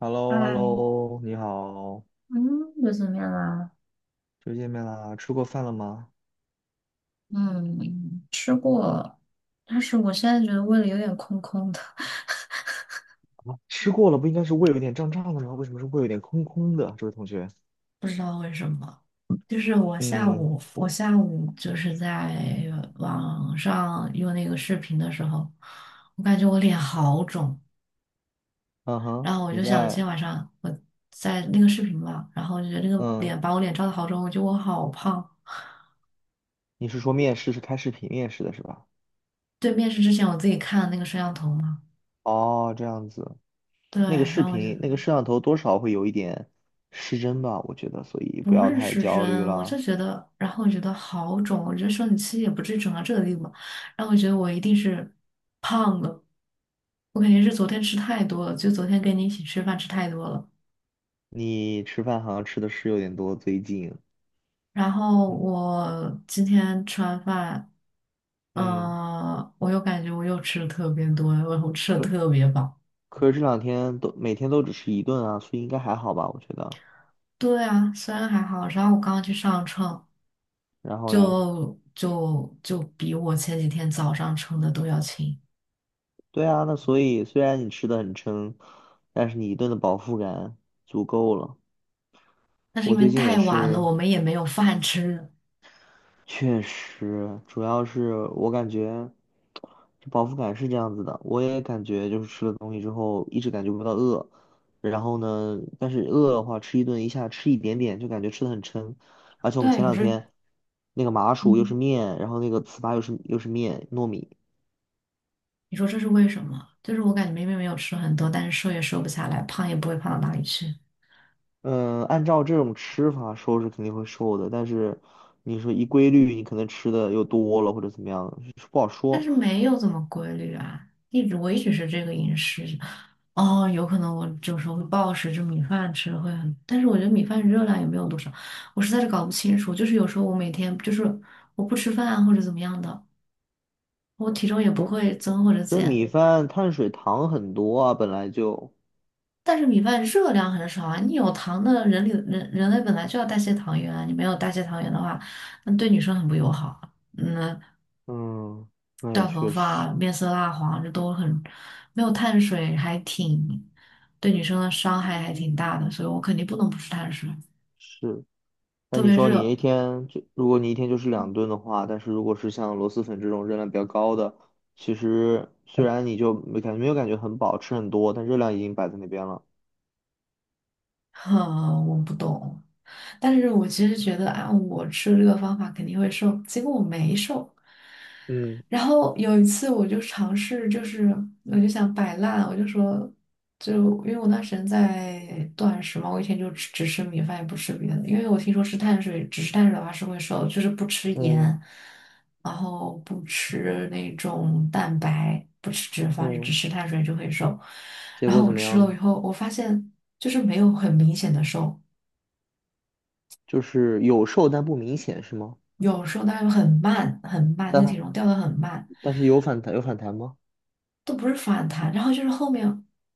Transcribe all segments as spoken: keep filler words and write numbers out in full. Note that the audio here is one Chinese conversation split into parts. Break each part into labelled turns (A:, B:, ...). A: h e l l o h e l l
B: 哎，
A: o 你好，
B: 嗯，又怎面样啊？
A: 又见面啦，吃过饭了吗？
B: 嗯，吃过，但是我现在觉得胃里有点空空的。
A: 啊，吃过了，不应该是胃有点胀胀的吗？为什么是胃有点空空的？这位同学，
B: 不知道为什么，就是我下
A: 嗯，
B: 午，我下午就是在网上用那个视频的时候，我感觉我脸好肿，
A: 嗯哼，
B: 然后我
A: 你
B: 就想今
A: 在，
B: 天晚上我在那个视频嘛，然后我就觉得那个
A: 嗯，
B: 脸把我脸照的好肿，我觉得我好胖。
A: 你是说面试是开视频面试的是吧？
B: 对，面试之前我自己看了那个摄像头嘛，
A: 哦，这样子，
B: 对，
A: 那个视
B: 然后我就
A: 频，那个摄像头多少会有一点失真吧？我觉得，所以不
B: 不
A: 要
B: 是
A: 太
B: 失
A: 焦虑
B: 真，我就
A: 了。
B: 觉得，然后我觉得好肿，我觉得生理期也不至于肿到这个地步嘛，然后我觉得我一定是胖了，我肯定是昨天吃太多了，就昨天跟你一起吃饭吃太多了，
A: 你吃饭好像吃的是有点多，最近，
B: 然后
A: 嗯，
B: 我今天吃完饭，
A: 嗯，
B: 嗯、我又感觉我又吃的特别多，我我吃的
A: 可
B: 特别饱。
A: 可是这两天都每天都只吃一顿啊，所以应该还好吧？我觉得。
B: 对啊，虽然还好，然后我刚刚去上称，
A: 然后嘞，
B: 就就就比我前几天早上称的都要轻。
A: 对啊，那所以虽然你吃的很撑，但是你一顿的饱腹感足够了。
B: 那是
A: 我
B: 因为
A: 最近也
B: 太晚了，
A: 是，
B: 我们也没有饭吃。
A: 确实，主要是我感觉这饱腹感是这样子的，我也感觉就是吃了东西之后一直感觉不到饿，然后呢，但是饿的话吃一顿一下吃一点点就感觉吃的很撑，而且我们
B: 对，你
A: 前
B: 说
A: 两
B: 这，
A: 天那个麻薯又是
B: 嗯，
A: 面，然后那个糍粑又是又是面糯米。
B: 你说这是为什么？就是我感觉明明没有吃很多，但是瘦也瘦不下来，胖也不会胖到哪里去。
A: 嗯，按照这种吃法，瘦是肯定会瘦的，但是你说一规律，你可能吃的又多了或者怎么样，是不好
B: 但
A: 说。
B: 是没有怎么规律啊，一直我一直是这个饮食。哦，有可能我有时候会暴食，就米饭吃会很，但是我觉得米饭热量也没有多少，我实在是搞不清楚。就是有时候我每天就是我不吃饭啊或者怎么样的，我体重也不会增或者
A: 可是
B: 减，
A: 米饭碳水糖很多啊，本来就，
B: 但是米饭热量很少啊，你有糖的人里人人类本来就要代谢糖原啊，你没有代谢糖原的话，那对女生很不友好啊。嗯，
A: 嗯，那也
B: 掉头
A: 确实
B: 发、面色蜡黄，这都很没有碳水，还挺对女生的伤害还挺大的，所以我肯定不能不吃碳水，
A: 是。那
B: 特
A: 你
B: 别
A: 说你
B: 热，
A: 一天就，如果你一天就是两顿的话，但是如果是像螺蛳粉这种热量比较高的，其实虽然你就没感没有感觉很饱，吃很多，但热量已经摆在那边了。
B: 哼，我不懂。但是我其实觉得，按我吃这个方法肯定会瘦，结果我没瘦，
A: 嗯
B: 然后有一次我就尝试，就是我就想摆烂，我就说，就因为我那时间在断食嘛，我以前就只只吃米饭，也不吃别的，因为我听说吃碳水，只吃碳水的话是会瘦，就是不吃
A: 嗯
B: 盐，然后不吃那种蛋白，不吃脂肪，就只
A: 嗯，
B: 吃碳水就会瘦。
A: 结
B: 然
A: 果
B: 后我
A: 怎么
B: 吃
A: 样
B: 了以
A: 呢？
B: 后，我发现就是没有很明显的瘦，
A: 就是有瘦但不明显是吗？
B: 有时候是是很慢很慢，那
A: 但
B: 个体
A: 它
B: 重掉的很慢。
A: 但是有反弹有反弹吗？
B: 都不是反弹，然后就是后面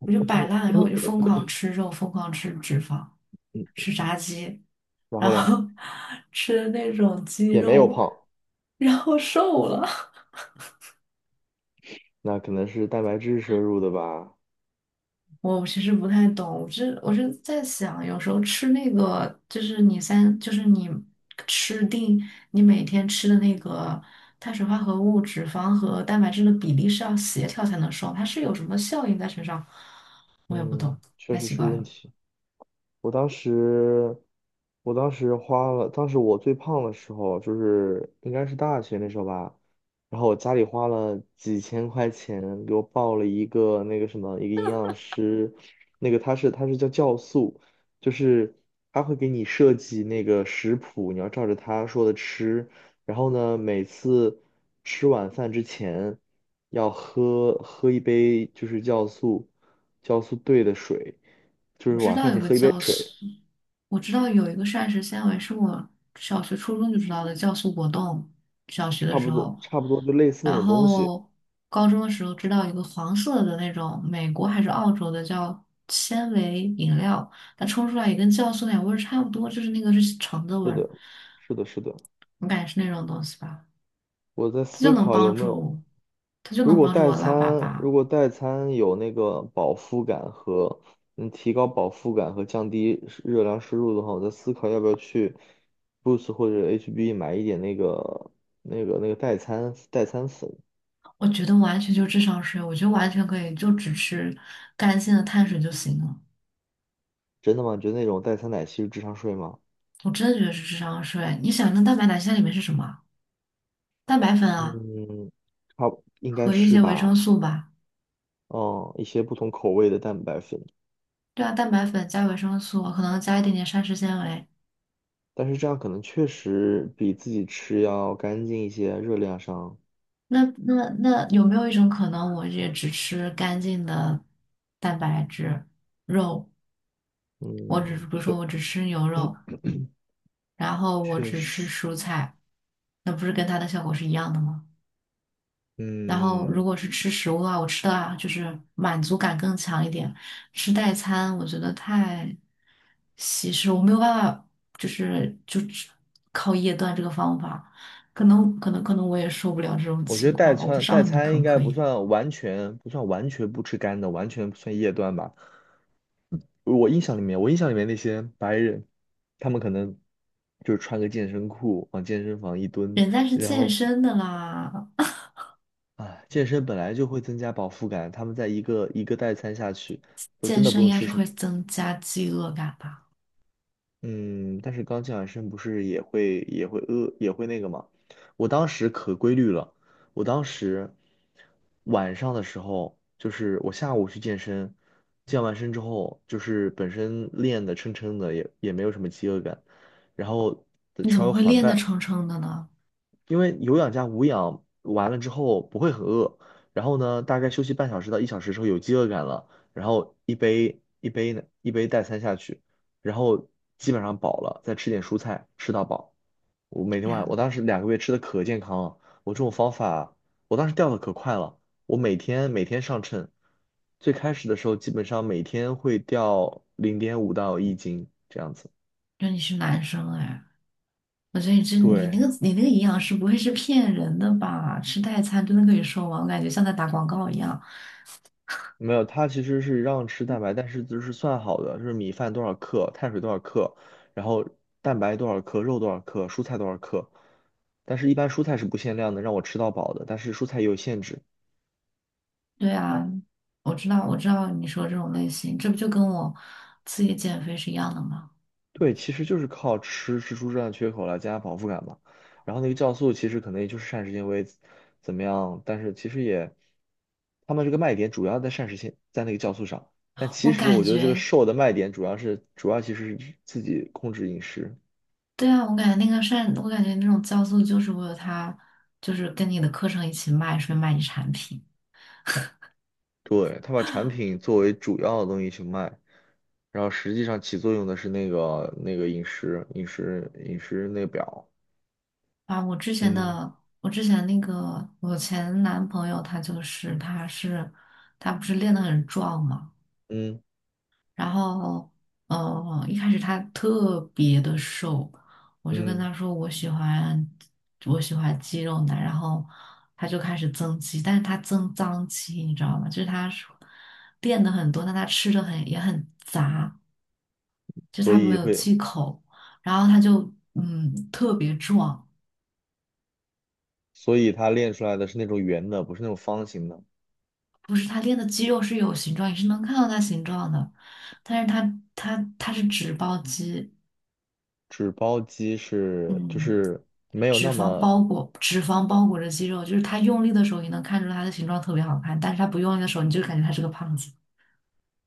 B: 我就摆烂了，然后我就疯狂吃肉，疯狂吃脂肪，
A: 嗯，
B: 吃炸鸡，
A: 然
B: 然
A: 后嘞，
B: 后 吃那种鸡
A: 也没有
B: 肉，
A: 胖，
B: 然后瘦了。
A: 那可能是蛋白质摄入的吧。
B: 我其实不太懂，我是我是在想，有时候吃那个就是你三，就是你吃定你每天吃的那个碳水化合物、脂肪和蛋白质的比例是要协调才能瘦，它是有什么效应在身上，我也不懂，
A: 嗯，确
B: 太
A: 实
B: 奇
A: 是
B: 怪
A: 个问
B: 了。
A: 题。我当时，我当时花了，当时我最胖的时候，就是应该是大学那时候吧，然后我家里花了几千块钱给我报了一个那个什么，一个营养师，那个他是他是叫酵素，就是他会给你设计那个食谱，你要照着他说的吃，然后呢，每次吃晚饭之前要喝喝一杯就是酵素酵素兑的水。
B: 我知道有个酵素，我知道有一个膳食纤维是我小学、初中就知道的酵素果冻，小学的
A: 差
B: 时
A: 不多，
B: 候，
A: 差不多就类似那
B: 然
A: 种东西。
B: 后高中的时候知道一个黄色的那种美国还是澳洲的叫纤维饮料，它冲出来也跟酵素奶味儿差不多，就是那个是橙子味
A: 是
B: 儿，
A: 的，是的，是的。
B: 我感觉是那种东西吧，
A: 我在
B: 它就
A: 思
B: 能
A: 考有
B: 帮
A: 没有，
B: 助，它就
A: 如
B: 能
A: 果
B: 帮助
A: 代
B: 我拉粑
A: 餐，
B: 粑。
A: 如果代餐有那个饱腹感和能提高饱腹感和降低摄热量摄入的话，我在思考要不要去 Boost 或者 H B 买一点那个那个那个代餐代餐粉。
B: 我觉得完全就是智商税，我觉得完全可以就只吃干净的碳水就行了。
A: 真的吗？你觉得那种代餐奶昔是智商税吗？
B: 我真的觉得是智商税。你想，那蛋白奶昔在里面是什么？蛋白粉啊，
A: 嗯，差不应该
B: 和一
A: 是
B: 些维生
A: 吧。
B: 素吧。
A: 嗯，一些不同口味的蛋白粉。
B: 对啊，蛋白粉加维生素，可能加一点点膳食纤维。
A: 但是这样可能确实比自己吃要干净一些，热量上，
B: 那那那有没有一种可能，我也只吃干净的蛋白质肉？我只比
A: 嗯，
B: 如
A: 确
B: 说我只吃牛肉，然后我
A: 确
B: 只吃
A: 实，
B: 蔬菜，那不是跟它的效果是一样的吗？然后
A: 嗯，
B: 如果是吃食物的话，我吃的啊就是满足感更强一点。吃代餐我觉得太稀释，我没有办法，就是就只靠夜断这个方法，可能可能可能我也受不了这种
A: 我觉
B: 情
A: 得
B: 况
A: 代
B: 吧，我不
A: 餐
B: 知道
A: 代
B: 你可
A: 餐应
B: 不
A: 该
B: 可
A: 不
B: 以。
A: 算完全不算完全不吃干的，完全不算夜断吧。我印象里面，我印象里面那些白人，他们可能就是穿个健身裤往健身房一蹲，
B: 人家是
A: 然
B: 健
A: 后
B: 身的啦，
A: 啊，健身本来就会增加饱腹感，他们在一个一个代餐下去，都真
B: 健
A: 的不
B: 身应
A: 用
B: 该
A: 吃
B: 是
A: 什么。
B: 会增加饥饿感吧？
A: 嗯，但是刚健完身不是也会也会饿也会那个嘛？我当时可规律了，我当时晚上的时候，就是我下午去健身，健完身之后，就是本身练的撑撑的，也也没有什么饥饿感，然后，
B: 你怎
A: 稍
B: 么
A: 微
B: 会
A: 缓
B: 练得
A: 半
B: 撑撑的呢？
A: 因为有氧加无氧完了之后不会很饿，然后呢，大概休息半小时到一小时之后有饥饿感了，然后一杯一杯呢一杯代餐下去，然后基本上饱了，再吃点蔬菜吃到饱。我每天
B: 天
A: 晚我
B: 呐，
A: 当时两个月吃的可健康了，我这种方法我当时掉的可快了，我每天每天上称，最开始的时候基本上每天会掉零点五到一斤这样子。
B: 那你是男生哎。我觉得你这你那
A: 对，
B: 个你那个营养师不会是骗人的吧？吃代餐真的可以瘦吗？我感觉像在打广告一样。
A: 没有，它其实是让吃蛋白，但是就是算好的，就是米饭多少克，碳水多少克，然后蛋白多少克，肉多少克，蔬菜多少克。但是，一般蔬菜是不限量的，让我吃到饱的。但是蔬菜也有限制。
B: 对啊，我知道我知道你说这种类型，这不就跟我自己减肥是一样的吗？
A: 对，其实就是靠吃吃出这样的缺口来增加饱腹感嘛。然后那个酵素其实可能也就是膳食纤维怎么样，但是其实也，他们这个卖点主要在膳食纤，在那个酵素上。但
B: 我
A: 其实
B: 感
A: 我觉得这个
B: 觉，
A: 瘦的卖点主要是主要其实是自己控制饮食。
B: 对啊，我感觉那个善，我感觉那种酵素就是为了它，就是跟你的课程一起卖，顺便卖你产品
A: 对，他把产品作为主要的东西去卖，然后实际上起作用的是那个那个饮食饮食饮食那个表，
B: 啊。我之前
A: 嗯
B: 的我之前那个我前男朋友他就是他是他不是练得很壮嘛。
A: 嗯
B: 然后，嗯，一开始他特别的瘦，我就跟
A: 嗯，
B: 他说我喜欢我喜欢肌肉男，然后他就开始增肌，但是他增脏肌，你知道吗？就是他是练的很多，但他吃的很也很杂，就是
A: 所
B: 他没
A: 以
B: 有
A: 会，
B: 忌口，然后他就嗯特别壮，
A: 所以他练出来的是那种圆的，不是那种方形的。
B: 不是他练的肌肉是有形状，也是能看到他形状的，但是他他他是脂包肌，
A: 纸包鸡是就
B: 嗯。
A: 是没有
B: 脂
A: 那
B: 肪
A: 么，
B: 包裹，脂肪包裹着肌肉，就是他用力的时候，你能看出他的形状特别好看，但是他不用力的时候，你就感觉他是个胖子。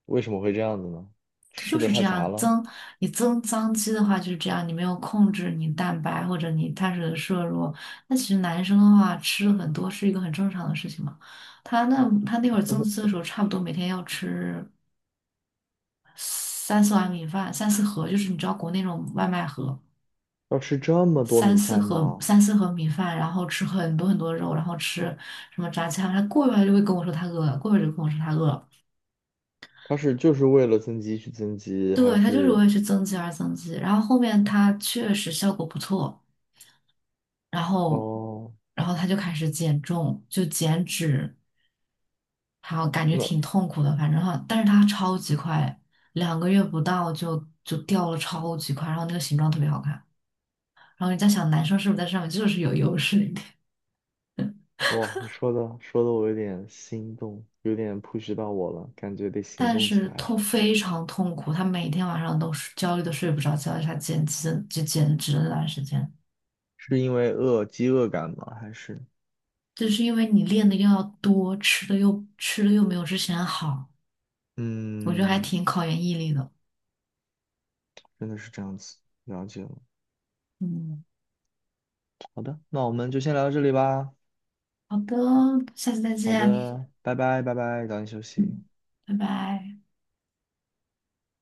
A: 为什么会这样子呢？
B: 就
A: 吃的
B: 是这
A: 太杂
B: 样，
A: 了，
B: 增你增脏肌的话就是这样，你没有控制你蛋白或者你碳水的摄入，那其实男生的话吃很多是一个很正常的事情嘛。他那他那会儿增肌的时候，差不多每天要吃三四碗米饭，三四盒，就是你知道国内那种外卖盒。
A: 要吃这么多
B: 三
A: 米
B: 四
A: 饭
B: 盒
A: 吗？
B: 三四盒米饭，然后吃很多很多肉，然后吃什么炸鸡汉堡他过一会儿就会跟我说他饿了，过一会儿就跟我说他饿了。
A: 他是就是为了增肌去增肌，
B: 对，
A: 还
B: 他就是为
A: 是
B: 了去增肌而增肌。然后后面他确实效果不错，然后
A: 哦？
B: 然后他就开始减重，就减脂，然后感觉
A: 那？
B: 挺痛苦的，反正哈，但是他超级快，两个月不到就就掉了超级快，然后那个形状特别好看。然后你在想，男生是不是在上面就是有优势一点？
A: 哇，你说的说的我有点心动，有点 push 到我了，感觉得行
B: 但
A: 动起
B: 是
A: 来了。
B: 痛非常痛苦，他每天晚上都是焦虑的睡不着觉，他减脂就减脂了那段时间，
A: 是因为饿，饥饿感吗？还是
B: 就是因为你练的又要多，吃的又吃的又没有之前好，我觉得还
A: 嗯，
B: 挺考验毅力的。
A: 真的是这样子，了解了。
B: 嗯，
A: 好的，那我们就先聊到这里吧。
B: 好的，下次再
A: 好
B: 见。
A: 的，拜拜，拜拜，早点休息。
B: 嗯，拜拜。